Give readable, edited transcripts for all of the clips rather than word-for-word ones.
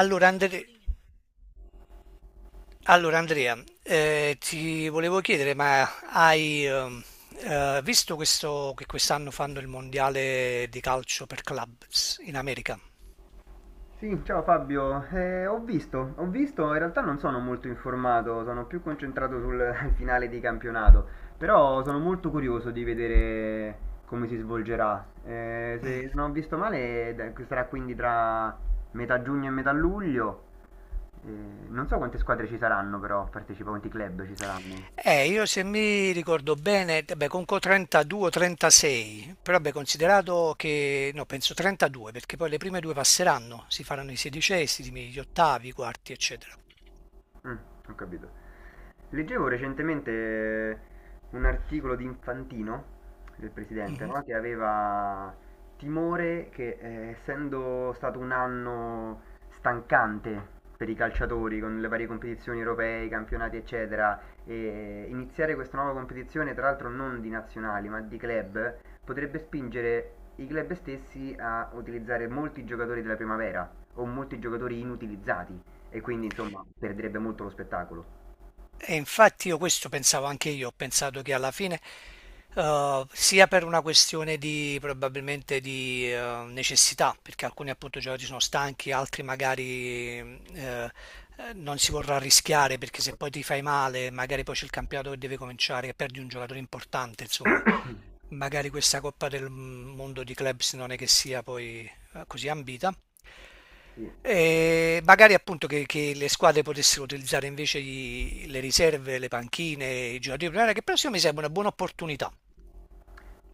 Allora, Andre- allora, Andrea, ti volevo chiedere, ma hai visto questo, che quest'anno fanno il mondiale di calcio per clubs in America? Sì, ciao Fabio. Ho visto, in realtà non sono molto informato, sono più concentrato sul finale di campionato, però sono molto curioso di vedere come si svolgerà. Mm. Se non ho visto male, sarà quindi tra metà giugno e metà luglio. Non so quante squadre ci saranno, però, partecipa, quanti club ci saranno. Io se mi ricordo bene, beh, conco 32 36, però beh, considerato che, no, penso 32, perché poi le prime due passeranno, si faranno i sedicesimi, gli ottavi, i quarti, eccetera. Mm, ho capito. Leggevo recentemente un articolo di Infantino, del presidente, Mm-hmm. no? Che aveva timore che, essendo stato un anno stancante per i calciatori, con le varie competizioni europee, i campionati, eccetera, e iniziare questa nuova competizione, tra l'altro non di nazionali, ma di club, potrebbe spingere i club stessi a utilizzare molti giocatori della primavera o molti giocatori inutilizzati, e quindi insomma perderebbe molto lo spettacolo. E infatti io questo pensavo anche io, ho pensato che alla fine, sia per una questione di probabilmente di necessità, perché alcuni appunto giocatori sono stanchi, altri magari non si vorrà rischiare perché se poi ti fai male, magari poi c'è il campionato che deve cominciare e perdi un giocatore importante, insomma magari questa Coppa del Mondo di Clubs non è che sia poi così ambita. Sì. E magari appunto che le squadre potessero utilizzare invece le riserve, le panchine, i giocatori di primavera, che però secondo me sarebbe una buona opportunità.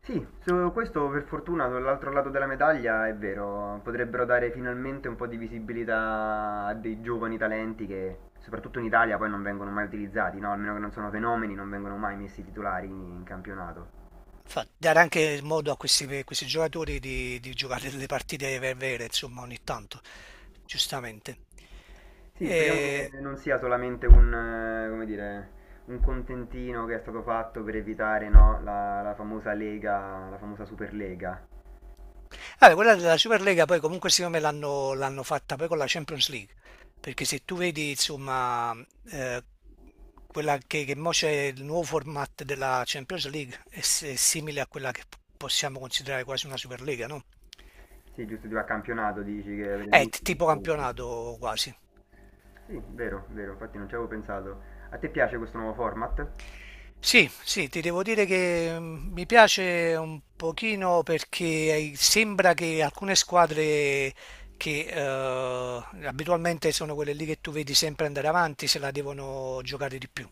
Sì, su questo per fortuna dall'altro lato della medaglia è vero, potrebbero dare finalmente un po' di visibilità a dei giovani talenti che soprattutto in Italia poi non vengono mai utilizzati, no? Almeno che non sono fenomeni, non vengono mai messi titolari in campionato. Dare anche modo a questi giocatori di giocare delle partite vere, vere, insomma, ogni tanto, giustamente. Sì, speriamo E che non sia solamente un, come dire, un contentino che è stato fatto per evitare, no, la famosa Lega, la famosa Superlega. vabbè, quella della Superlega poi comunque secondo me l'hanno fatta poi con la Champions League, perché se tu vedi insomma eh, quella che mo c'è il nuovo format della Champions League è simile a quella che possiamo considerare quasi una Superlega, no? Sì, giusto, di a campionato dici che avete È molti più tipo scontri. campionato quasi. Sì, vero, vero, infatti non ci avevo pensato. A te piace questo nuovo format? Sì, sì, ti devo dire che mi piace un pochino perché sembra che alcune squadre che abitualmente sono quelle lì che tu vedi sempre andare avanti se la devono giocare di più.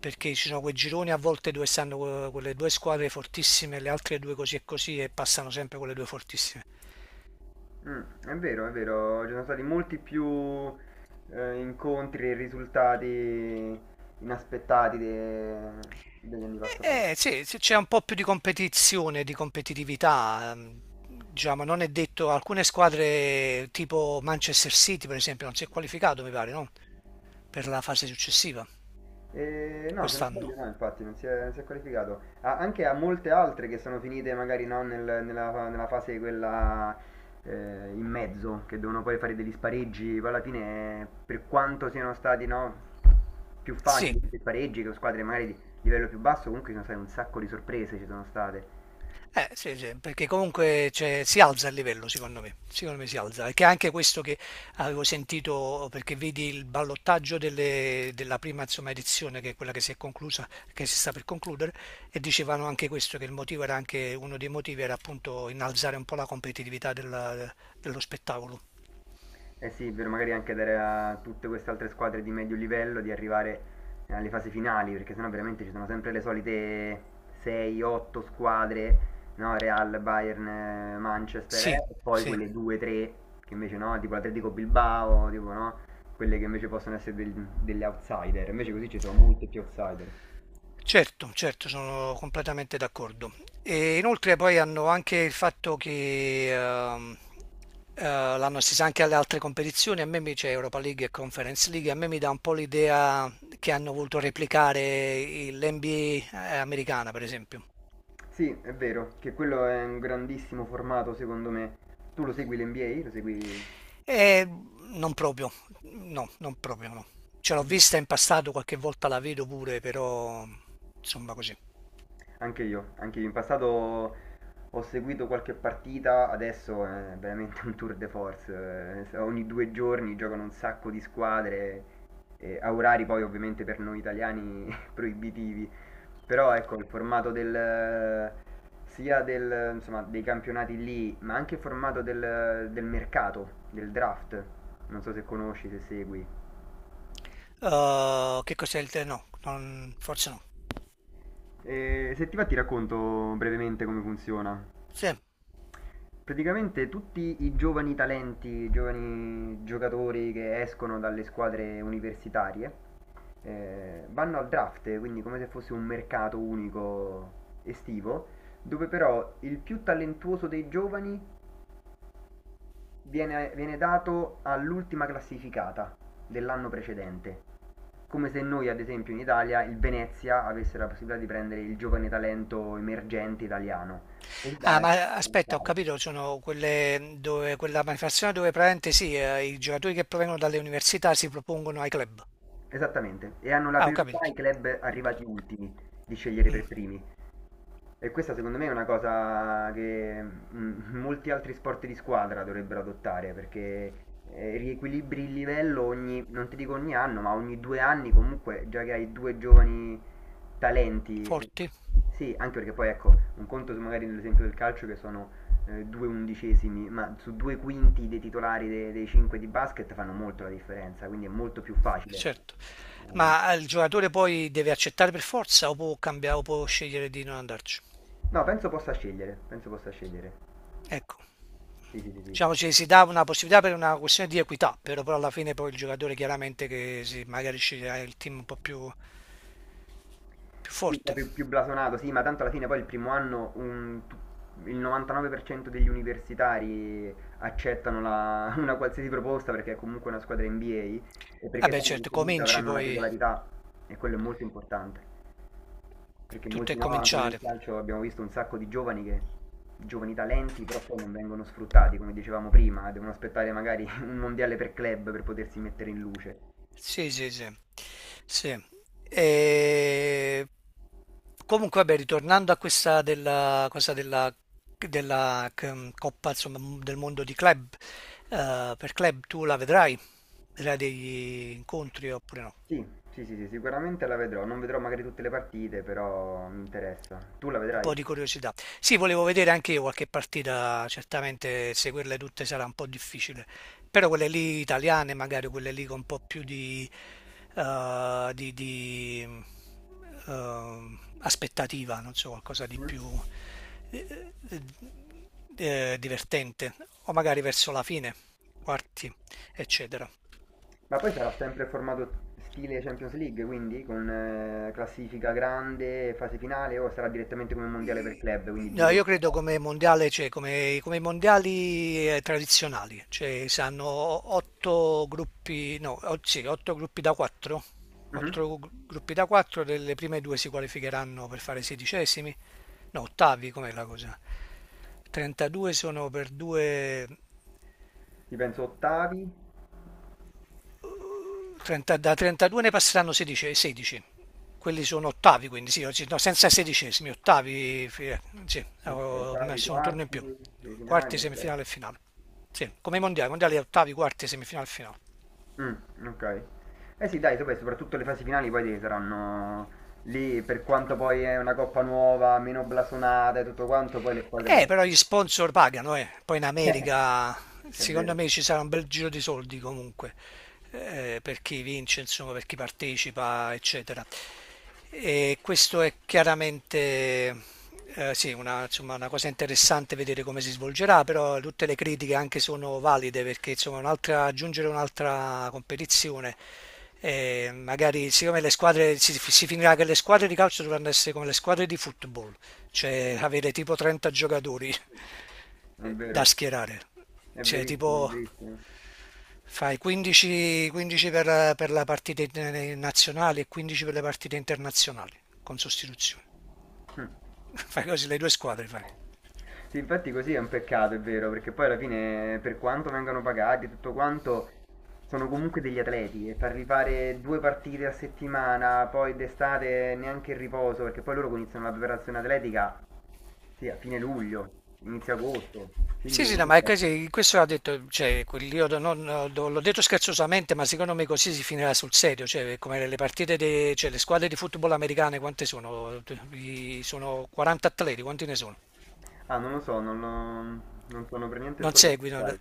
Perché ci sono quei gironi a volte dove stanno quelle due squadre fortissime, le altre due così e così e passano sempre quelle due fortissime. Mm, è vero, ci sono stati molti più incontri e risultati inaspettati degli anni passati. Sì, sì, c'è un po' più di competizione, di competitività. Già, ma non è detto, alcune squadre tipo Manchester City, per esempio, non si è qualificato, mi pare, no? Per la fase successiva, No, se non sbaglio quest'anno. no, infatti, non si è qualificato. Anche a molte altre che sono finite magari no, nella fase quella in mezzo, che devono poi fare degli spareggi, poi alla fine per quanto siano stati no, più Sì, facili questi spareggi che squadre magari di livello più basso, comunque ci sono state un sacco di sorprese, ci sono state. Sì, sì, perché comunque cioè, si alza il livello, secondo me. Secondo me si alza. Perché anche questo che avevo sentito, perché vedi il ballottaggio della prima, insomma, edizione, che è quella che si è conclusa, che si sta per concludere, e dicevano anche questo, che il motivo era anche, uno dei motivi era appunto innalzare un po' la competitività dello spettacolo. Eh sì, è vero, magari anche dare a tutte queste altre squadre di medio livello di arrivare alle fasi finali, perché sennò veramente ci sono sempre le solite 6-8 squadre, no? Real, Bayern, Manchester, Sì, e poi sì. quelle 2-3 che invece no, tipo l'Atletico Bilbao, tipo no, quelle che invece possono essere delle outsider, invece così ci sono molte più outsider. Certo, certo, sono completamente d'accordo. E inoltre poi hanno anche il fatto che l'hanno estesa anche alle altre competizioni, a me mi c'è Europa League e Conference League, a me mi dà un po' l'idea che hanno voluto replicare l'NBA americana, per esempio. Sì, è vero, che quello è un grandissimo formato secondo me. Tu lo segui l'NBA? Lo segui E non proprio, no, non proprio no. Ce l'ho vista in passato, qualche volta la vedo pure, però insomma così. anche io, anche io. In passato ho seguito qualche partita, adesso è veramente un tour de force. Ogni due giorni giocano un sacco di squadre, a orari poi ovviamente per noi italiani proibitivi. Però ecco, il formato del, sia del, insomma, dei campionati lì, ma anche il formato del, del mercato, del draft. Non so se conosci, se segui. Che cos'è il te? No, forse no. Se ti va ti racconto brevemente come funziona. Sì. Praticamente tutti i giovani talenti, i giovani giocatori che escono dalle squadre universitarie vanno al draft, quindi come se fosse un mercato unico estivo, dove però il più talentuoso dei giovani viene dato all'ultima classificata dell'anno precedente. Come se noi, ad esempio, in Italia il Venezia avesse la possibilità di prendere il giovane talento emergente italiano. Così da- Ah, ma essere aspetta, ho capito, sono quelle dove, quella manifestazione dove praticamente sì, i giocatori che provengono dalle università si propongono ai club. Esattamente, e hanno la Ah, ho priorità capito, i club arrivati ultimi di scegliere per primi. E questa secondo me è una cosa che mm, molti altri sport di squadra dovrebbero adottare perché riequilibri il livello ogni, non ti dico ogni anno, ma ogni due anni comunque, già che hai due giovani talenti. Forti, Sì, anche perché poi ecco, un conto su magari nell'esempio del calcio che sono due undicesimi, ma su due quinti dei titolari dei cinque di basket fanno molto la differenza, quindi è molto più facile. certo. Mm. Ma il giocatore poi deve accettare per forza o può cambiare o può scegliere di non andarci? No, penso possa scegliere, penso possa scegliere. Ecco, Sì, sì, sì, sì. diciamo ci si dà una possibilità per una questione di equità, però alla fine poi il giocatore chiaramente che si, magari sceglierà il team un po' più, più Un po' forte. più, più blasonato, sì, ma tanto alla fine poi il primo anno il 99% degli universitari accettano la- una qualsiasi proposta perché è comunque una squadra NBA e perché Vabbè, sanno che certo, comunque cominci avranno la poi, titolarità e quello è molto importante. Perché tutto molti è no, anche nel cominciare. calcio abbiamo visto un sacco di giovani che, giovani talenti, però poi non vengono sfruttati, come dicevamo prima, devono aspettare magari un mondiale per club per potersi mettere in luce. Sì, sì, sì. Sì. E... Comunque, vabbè, ritornando a questa della cosa della Coppa, insomma, del mondo di club, per club tu la vedrai, vedrai degli incontri oppure no? Sì, sì, sì, sì, sicuramente la vedrò. Non vedrò magari tutte le partite, però mi interessa. Tu la Un vedrai? po' di curiosità. Sì, volevo vedere anche io qualche partita, certamente seguirle tutte sarà un po' difficile, però quelle lì italiane, magari quelle lì con un po' più di aspettativa, non so, qualcosa di Mm. più eh, divertente, o magari verso la fine, quarti, eccetera. Ma poi sarà sempre formato stile Champions League, quindi con classifica grande, fase finale, o sarà direttamente come mondiale per club, quindi No, io giro. credo come mondiale, cioè come i mondiali tradizionali, cioè si hanno otto gruppi, no, sì, otto gruppi da quattro, otto gruppi da quattro, delle prime due si qualificheranno per fare sedicesimi, no, ottavi, com'è la cosa? 32 sono per due, Ti penso ottavi, 30 da 32 ne passeranno 16, 16. Quelli sono ottavi, quindi sì, no, senza sedicesimi, ottavi, sì, ok, ho ottavi, messo un turno in quarti, più. le finali, Quarti, eccetera. semifinale e finale. Sì, come i mondiali, mondiali ottavi, quarti, semifinale e finale. Okay. Eh sì dai, vabbè soprattutto le fasi finali poi saranno lì per quanto poi è una coppa nuova, meno blasonata e tutto quanto, poi le squadre potranno Però gli vincere. sponsor pagano, eh. Poi in America, È secondo vero. me ci sarà un bel giro di soldi comunque, per chi vince, insomma, per chi partecipa, eccetera. E questo è chiaramente, sì, una, insomma, una cosa interessante vedere come si svolgerà, però tutte le critiche anche sono valide perché, insomma, un'altra, aggiungere un'altra competizione magari siccome le squadre si finirà che le squadre di calcio dovranno essere come le squadre di football, cioè avere tipo 30 giocatori Mh. È da vero. schierare, È cioè verissimo, è tipo verissimo. fai 15, 15 per la partita nazionale e 15 per le partite internazionali con sostituzione. Mh. Fai così le due squadre, fai. Sì, infatti così è un peccato, è vero, perché poi alla fine per quanto vengano pagati e tutto quanto, sono comunque degli atleti e farli fare 2 partite a settimana, poi d'estate neanche il riposo, perché poi loro iniziano la preparazione atletica. Sì, a fine luglio, inizio agosto, Sì, quindi sì, no, ma è comunque... così, questo ha detto, cioè, quel- io non- no, l'ho detto scherzosamente, ma secondo me così si finirà sul serio, cioè, come le partite, cioè, le squadre di football americane, quante sono? Sono 40 atleti, quanti ne sono? Ah, non lo so, non sono per niente Non informato, seguono. sai.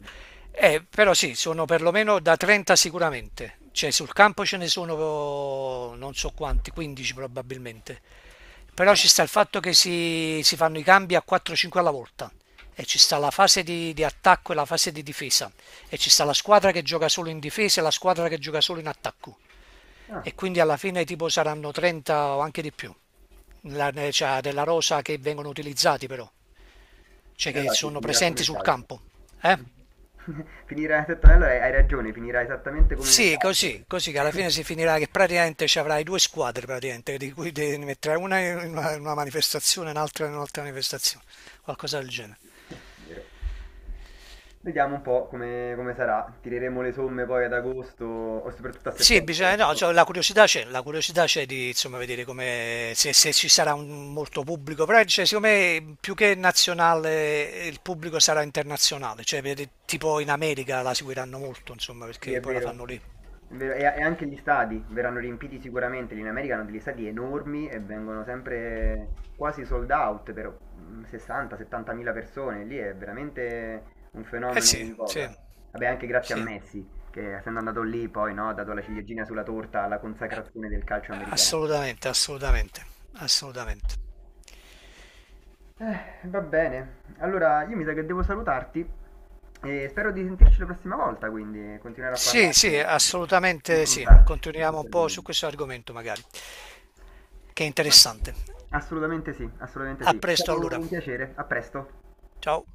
Però sì, sono perlomeno da 30 sicuramente, cioè sul campo ce ne sono non so quanti, 15 probabilmente. Però Ah, ci sta il fatto che si fanno i cambi a 4-5 alla volta e ci sta la fase di attacco e la fase di difesa e ci sta la squadra che gioca solo in difesa e la squadra che gioca solo in attacco ah, e quindi alla fine tipo saranno 30 o anche di più cioè, della rosa che vengono utilizzati però, cioè e che allora sì, sono finirà come presenti il sul calcio. campo. Eh? Finirà esattamente, allora hai ragione, finirà esattamente come nel Sì, calcio. così che alla fine si finirà che praticamente ci avrai due squadre, praticamente, di cui devi mettere una in una, manifestazione e un'altra in un'altra manifestazione, qualcosa del genere. Vero. Vediamo un po' come, come sarà, tireremo le somme poi ad agosto o soprattutto a Sì, bisogna, settembre. no, cioè, la curiosità c'è di insomma, vedere come, se ci sarà molto pubblico, però cioè, secondo me più che nazionale il pubblico sarà internazionale, cioè vedi, tipo in America la seguiranno molto, insomma, Sì, perché è poi la fanno vero. lì. È vero. E anche gli stadi verranno riempiti sicuramente. Lì in America hanno degli stadi enormi e vengono sempre quasi sold out per 60-70 mila persone. Lì è veramente un Eh fenomeno sì, in sì, voga. Vabbè, anche grazie a sì. Messi, che essendo andato lì poi no, ha dato la ciliegina sulla torta alla consacrazione del calcio americano. Assolutamente, assolutamente, assolutamente. Va bene. Allora, io mi sa che devo salutarti e spero di sentirci la prossima volta, quindi continuare a Sì, parlare, sì, assolutamente sì. confrontarci su Continuiamo questo un po' su argomento. questo argomento magari, che è interessante. Assolutamente sì, assolutamente A sì. È presto stato allora. un piacere, a presto. Ciao.